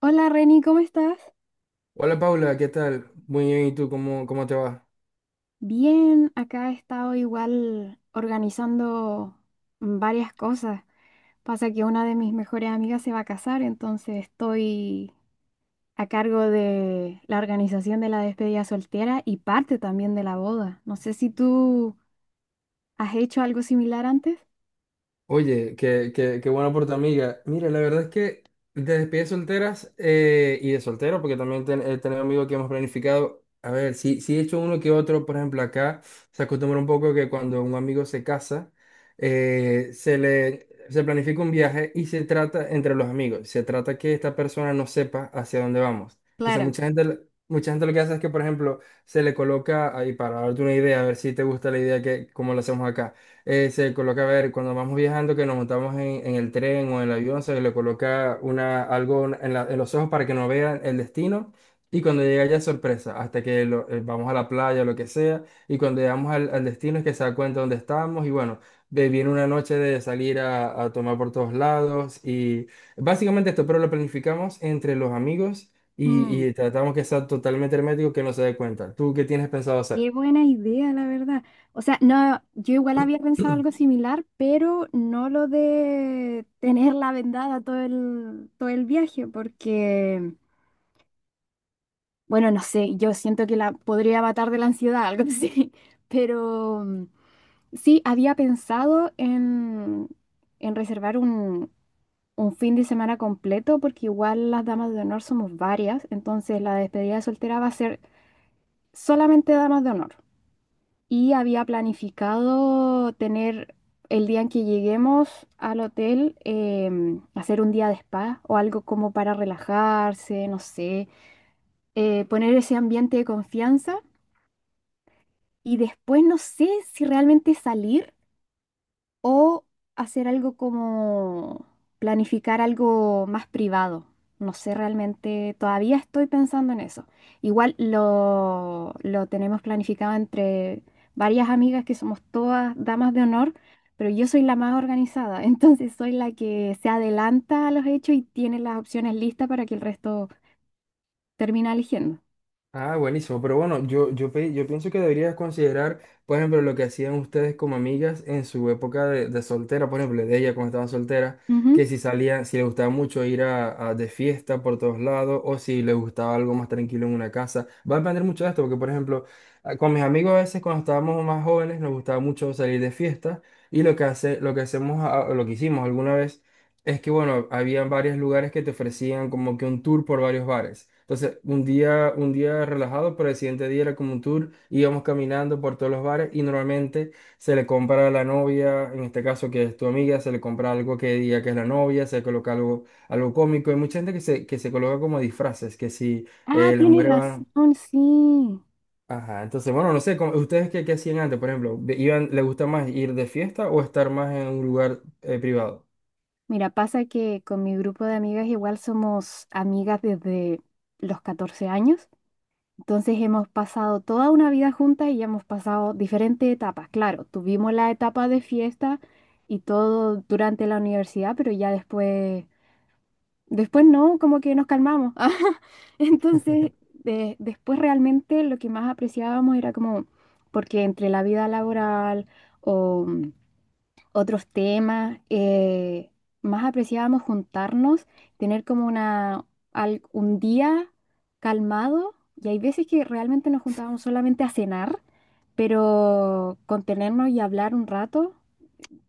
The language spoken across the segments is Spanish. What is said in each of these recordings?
Hola Reni, ¿cómo estás? Hola Paula, ¿qué tal? Muy bien, ¿y tú cómo te va? Bien, acá he estado igual organizando varias cosas. Pasa que una de mis mejores amigas se va a casar, entonces estoy a cargo de la organización de la despedida soltera y parte también de la boda. No sé si tú has hecho algo similar antes. Oye, qué bueno por tu amiga. Mira, la verdad es que de despedidas solteras y de soltero, porque también he tenido amigos que hemos planificado. A ver, sí he hecho uno que otro, por ejemplo, acá se acostumbra un poco que cuando un amigo se casa, se planifica un viaje y se trata entre los amigos. Se trata que esta persona no sepa hacia dónde vamos. Entonces, Claro. mucha gente lo que hace es que, por ejemplo, se le coloca ahí para darte una idea, a ver si te gusta la idea que, como lo hacemos acá, se coloca, a ver, cuando vamos viajando, que nos montamos en el tren o en el avión, se le coloca una, algo en, en los ojos para que no vean el destino. Y cuando llega ya es sorpresa, hasta que vamos a la playa o lo que sea. Y cuando llegamos al destino es que se da cuenta dónde estamos. Y bueno, viene una noche de salir a tomar por todos lados. Y básicamente esto, pero lo planificamos entre los amigos Mm. y tratamos que sea totalmente hermético, que no se dé cuenta. ¿Tú qué tienes pensado hacer? Qué buena idea, la verdad. O sea, no, yo igual había pensado algo similar, pero no lo de tenerla vendada todo el viaje, porque, bueno, no sé, yo siento que la podría matar de la ansiedad, algo así. Pero sí, había pensado en reservar un fin de semana completo, porque igual las damas de honor somos varias, entonces la despedida de soltera va a ser solamente damas de honor. Y había planificado tener el día en que lleguemos al hotel, hacer un día de spa o algo como para relajarse, no sé, poner ese ambiente de confianza y después no sé si realmente salir. O hacer algo como planificar algo más privado. No sé realmente, todavía estoy pensando en eso. Igual lo tenemos planificado entre varias amigas que somos todas damas de honor, pero yo soy la más organizada, entonces soy la que se adelanta a los hechos y tiene las opciones listas para que el resto termine eligiendo. Ah, buenísimo, pero bueno, yo pienso que deberías considerar, por ejemplo, lo que hacían ustedes como amigas en su época de soltera, por ejemplo, de ella cuando estaba soltera, Ujú. que si salía, si le gustaba mucho ir de fiesta por todos lados o si le gustaba algo más tranquilo en una casa. Va a depender mucho de esto, porque por ejemplo, con mis amigos a veces cuando estábamos más jóvenes nos gustaba mucho salir de fiesta y lo que hacemos, lo que hicimos alguna vez. Es que bueno, habían varios lugares que te ofrecían como que un tour por varios bares. Entonces, un día relajado, pero el siguiente día era como un tour, íbamos caminando por todos los bares y normalmente se le compra a la novia, en este caso que es tu amiga, se le compra algo que diga que es la novia, se coloca algo, algo cómico. Hay mucha gente que se coloca como disfraces, que si Ah, las tienes mujeres van... razón, sí. Ajá, entonces bueno, no sé, ustedes qué hacían antes, por ejemplo? ¿Iban, les gusta más ir de fiesta o estar más en un lugar privado? Mira, pasa que con mi grupo de amigas igual somos amigas desde los 14 años, entonces hemos pasado toda una vida juntas y hemos pasado diferentes etapas. Claro, tuvimos la etapa de fiesta y todo durante la universidad, pero ya después, después no, como que nos calmamos. Entonces, después realmente lo que más apreciábamos era como, porque entre la vida laboral o otros temas, más apreciábamos juntarnos, tener como una, un día calmado. Y hay veces que realmente nos juntábamos solamente a cenar, pero contenernos y hablar un rato,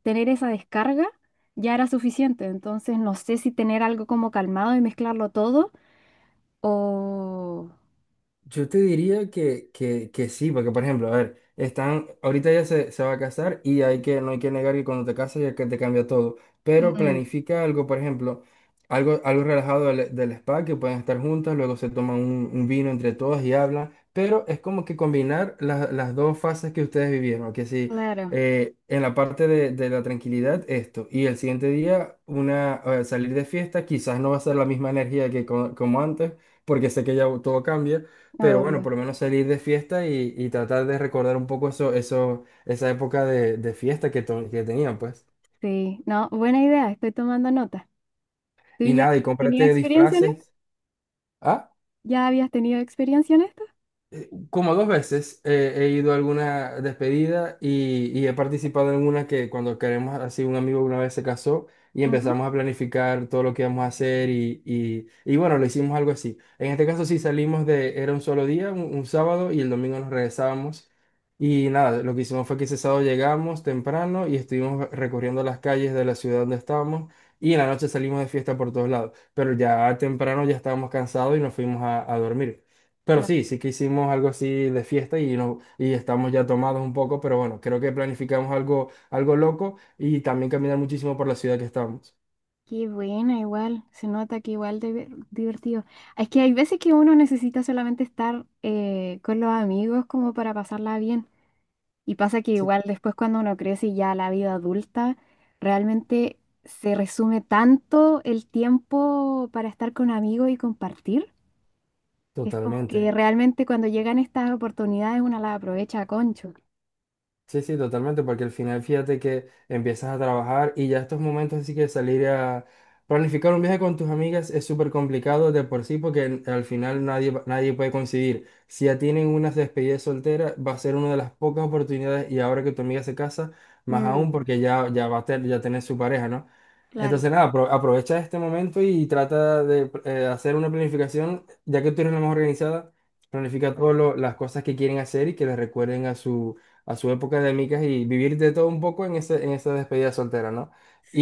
tener esa descarga, ya era suficiente. Entonces no sé si tener algo como calmado y mezclarlo todo o... Yo te diría que sí, porque por ejemplo, a ver, están, ahorita ya se va a casar y hay que, no hay que negar que cuando te casas ya que te cambia todo, pero Mm, planifica algo, por ejemplo, algo relajado del spa, que pueden estar juntas, luego se toman un vino entre todas y hablan, pero es como que combinar las dos fases que ustedes vivieron, que si claro, en la parte de la tranquilidad esto, y el siguiente día una, salir de fiesta, quizás no va a ser la misma energía que como antes, porque sé que ya todo cambia. Pero bueno, por obvio. lo menos salir de fiesta y tratar de recordar un poco esa época de fiesta que, que tenían, pues. Sí, no, buena idea, estoy tomando nota. ¿Tú Y ya nada, y tenías cómprate experiencia en disfraces. ¿Ah? ¿Ya habías tenido experiencia en esto? Como dos veces, he ido a alguna despedida y he participado en una que cuando queremos, así un amigo una vez se casó y Ujú. empezamos a planificar todo lo que íbamos a hacer y, y bueno, lo hicimos algo así. En este caso sí salimos de, era un solo día, un sábado y el domingo nos regresábamos y nada, lo que hicimos fue que ese sábado llegamos temprano y estuvimos recorriendo las calles de la ciudad donde estábamos y en la noche salimos de fiesta por todos lados, pero ya temprano ya estábamos cansados y nos fuimos a dormir. Pero Claro. sí, sí que hicimos algo así de fiesta y, no, y estamos ya tomados un poco, pero bueno, creo que planificamos algo, algo loco y también caminar muchísimo por la ciudad que estamos. Qué buena, igual. Se nota que igual de divertido. Es que hay veces que uno necesita solamente estar con los amigos como para pasarla bien. Y pasa que Sí. igual después cuando uno crece y ya la vida adulta, realmente se resume tanto el tiempo para estar con amigos y compartir. Es como que Totalmente. realmente cuando llegan estas oportunidades uno las aprovecha a concho. Sí, sí, totalmente, porque al final fíjate que empiezas a trabajar y ya estos momentos así que salir a planificar un viaje con tus amigas es súper complicado de por sí porque al final nadie, nadie puede coincidir. Si ya tienen unas despedidas solteras, va a ser una de las pocas oportunidades y ahora que tu amiga se casa, más Mm, aún porque ya va a tener, ya tener su pareja, ¿no? claro, Entonces nada, aprovecha este momento y trata de hacer una planificación, ya que tú eres la más organizada, planifica todas las cosas que quieren hacer y que les recuerden a su época de micas y vivir de todo un poco en ese, en esa despedida soltera, ¿no?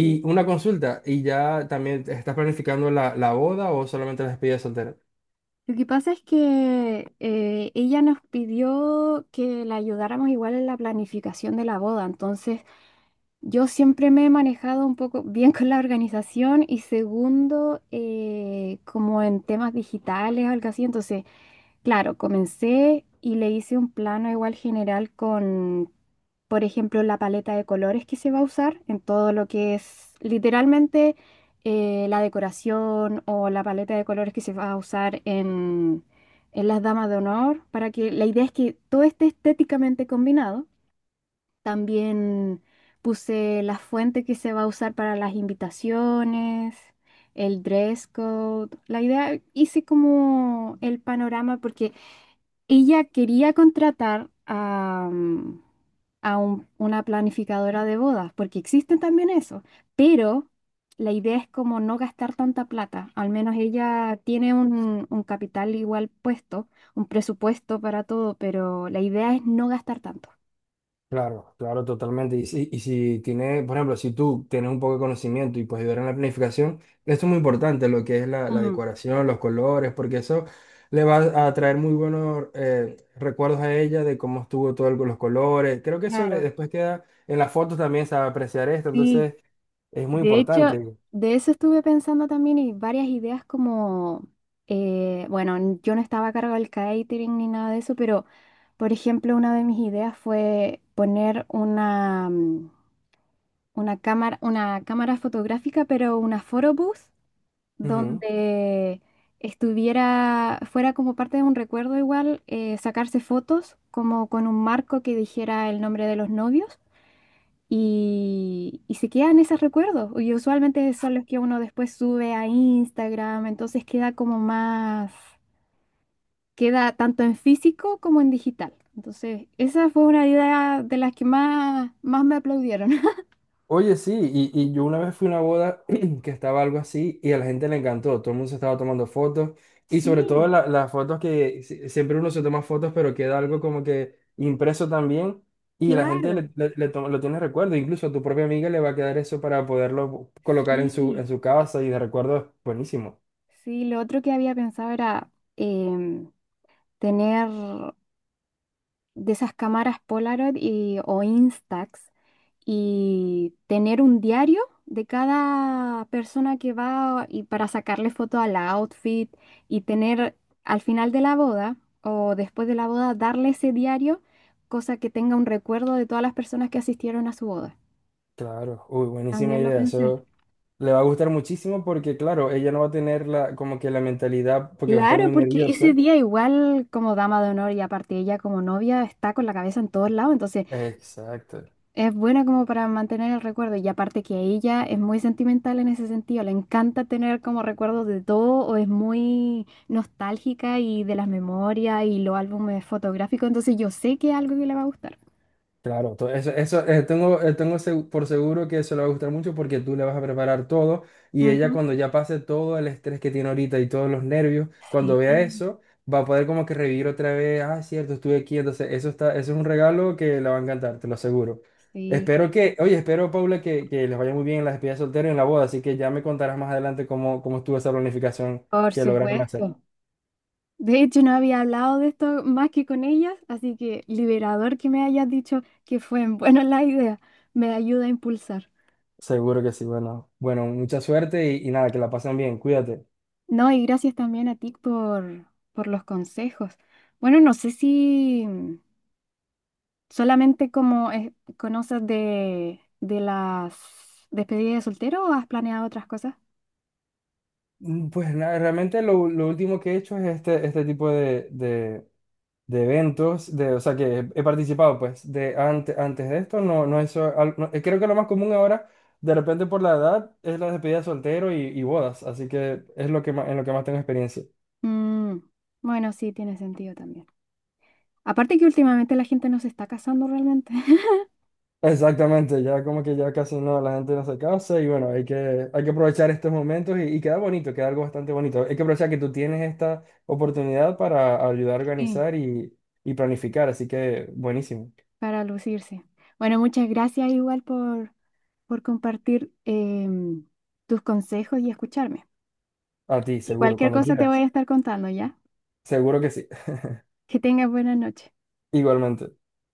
sí. una consulta, ¿y ya también estás planificando la boda o solamente la despedida soltera? Lo que pasa es que ella nos pidió que la ayudáramos igual en la planificación de la boda, entonces yo siempre me he manejado un poco bien con la organización y segundo, como en temas digitales o algo así, entonces claro, comencé y le hice un plano igual general con, por ejemplo, la paleta de colores que se va a usar en todo lo que es literalmente la decoración o la paleta de colores que se va a usar en las damas de honor, para que la idea es que todo esté estéticamente combinado. También puse la fuente que se va a usar para las invitaciones, el dress code. La idea, hice como el panorama porque ella quería contratar a una planificadora de bodas, porque existen también eso, pero la idea es como no gastar tanta plata, al menos ella tiene un capital igual puesto, un presupuesto para todo, pero la idea es no gastar tanto. Claro, claro, totalmente. Y si tiene, por ejemplo, si tú tienes un poco de conocimiento y puedes ayudar en la planificación, esto es muy importante, lo que es la Mm, decoración, los colores, porque eso le va a traer muy buenos recuerdos a ella de cómo estuvo todo los colores. Creo que eso claro, después queda en las fotos también, se va a apreciar esto, sí. entonces es muy De hecho, importante. de eso estuve pensando también y varias ideas como, bueno, yo no estaba a cargo del catering ni nada de eso, pero por ejemplo, una de mis ideas fue poner una cámara fotográfica, pero una photobooth, Ujú. donde estuviera, fuera como parte de un recuerdo igual, sacarse fotos como con un marco que dijera el nombre de los novios. Y se quedan esos recuerdos. Y usualmente son los que uno después sube a Instagram, entonces queda como más, queda tanto en físico como en digital. Entonces, esa fue una idea de las que más, más me aplaudieron. Oye, sí, y yo una vez fui a una boda que estaba algo así y a la gente le encantó, todo el mundo se estaba tomando fotos y sobre todo Sí, las fotos que siempre uno se toma fotos pero queda algo como que impreso también y la gente claro. Lo tiene recuerdo, incluso a tu propia amiga le va a quedar eso para poderlo colocar en Sí, su casa y de recuerdo, buenísimo. sí, lo otro que había pensado era em, tener de esas cámaras Polaroid y, o Instax y tener un diario de cada persona que va y para sacarle foto al outfit y tener al final de la boda o después de la boda darle ese diario, cosa que tenga un recuerdo de todas las personas que asistieron a su boda. Claro, uy, buenísima También lo idea. pensé. Eso le va a gustar muchísimo porque, claro, ella no va a tener la, como que la mentalidad, porque va a estar Claro, muy porque ese nerviosa. día igual como dama de honor y aparte ella como novia está con la cabeza en todos lados, entonces Exacto. es buena como para mantener el recuerdo y aparte que ella es muy sentimental en ese sentido, le encanta tener como recuerdos de todo o es muy nostálgica y de las memorias y los álbumes fotográficos, entonces yo sé que es algo que le va a gustar. Claro, eso tengo por seguro que eso le va a gustar mucho porque tú le vas a preparar todo y ella Ujú. cuando ya pase todo el estrés que tiene ahorita y todos los nervios, cuando vea Sí, eso, va a poder como que revivir otra vez, ah, es cierto, estuve aquí, entonces eso está, eso es un regalo que le va a encantar, te lo aseguro. sí, Espero que, oye, espero, Paula, que les vaya muy bien en la despedida de soltero y en la boda, así que ya me contarás más adelante cómo estuvo esa planificación por que lograron hacer. supuesto. De hecho, no había hablado de esto más que con ellas, así que liberador que me hayas dicho que fue en buena la idea, me ayuda a impulsar. Seguro que sí, bueno, mucha suerte y nada, que la pasen bien, cuídate. No, y gracias también a ti por los consejos. Bueno, no sé si solamente como conoces de las despedidas de soltero o has planeado otras cosas. Mm, pues nada, realmente lo último que he hecho es este tipo de eventos, de, o sea, que he participado, pues, de antes de esto, no eso, no, creo que lo más común ahora, de repente por la edad, es la despedida de soltero y bodas, así que es lo que más, en lo que más tengo experiencia. Mm, bueno, sí, tiene sentido también. Aparte que últimamente la gente no se está casando realmente. Exactamente, ya como que ya casi no, la gente no se casa y bueno, hay que aprovechar estos momentos y queda bonito, queda algo bastante bonito. Hay que aprovechar que tú tienes esta oportunidad para ayudar a Sí, organizar y planificar, así que buenísimo. para lucirse. Bueno, muchas gracias igual por compartir tus consejos y escucharme. A ti, Y seguro, cualquier cuando cosa te voy quieras. a estar contando, ¿ya? Seguro que sí. Que tengas buena noche. Igualmente.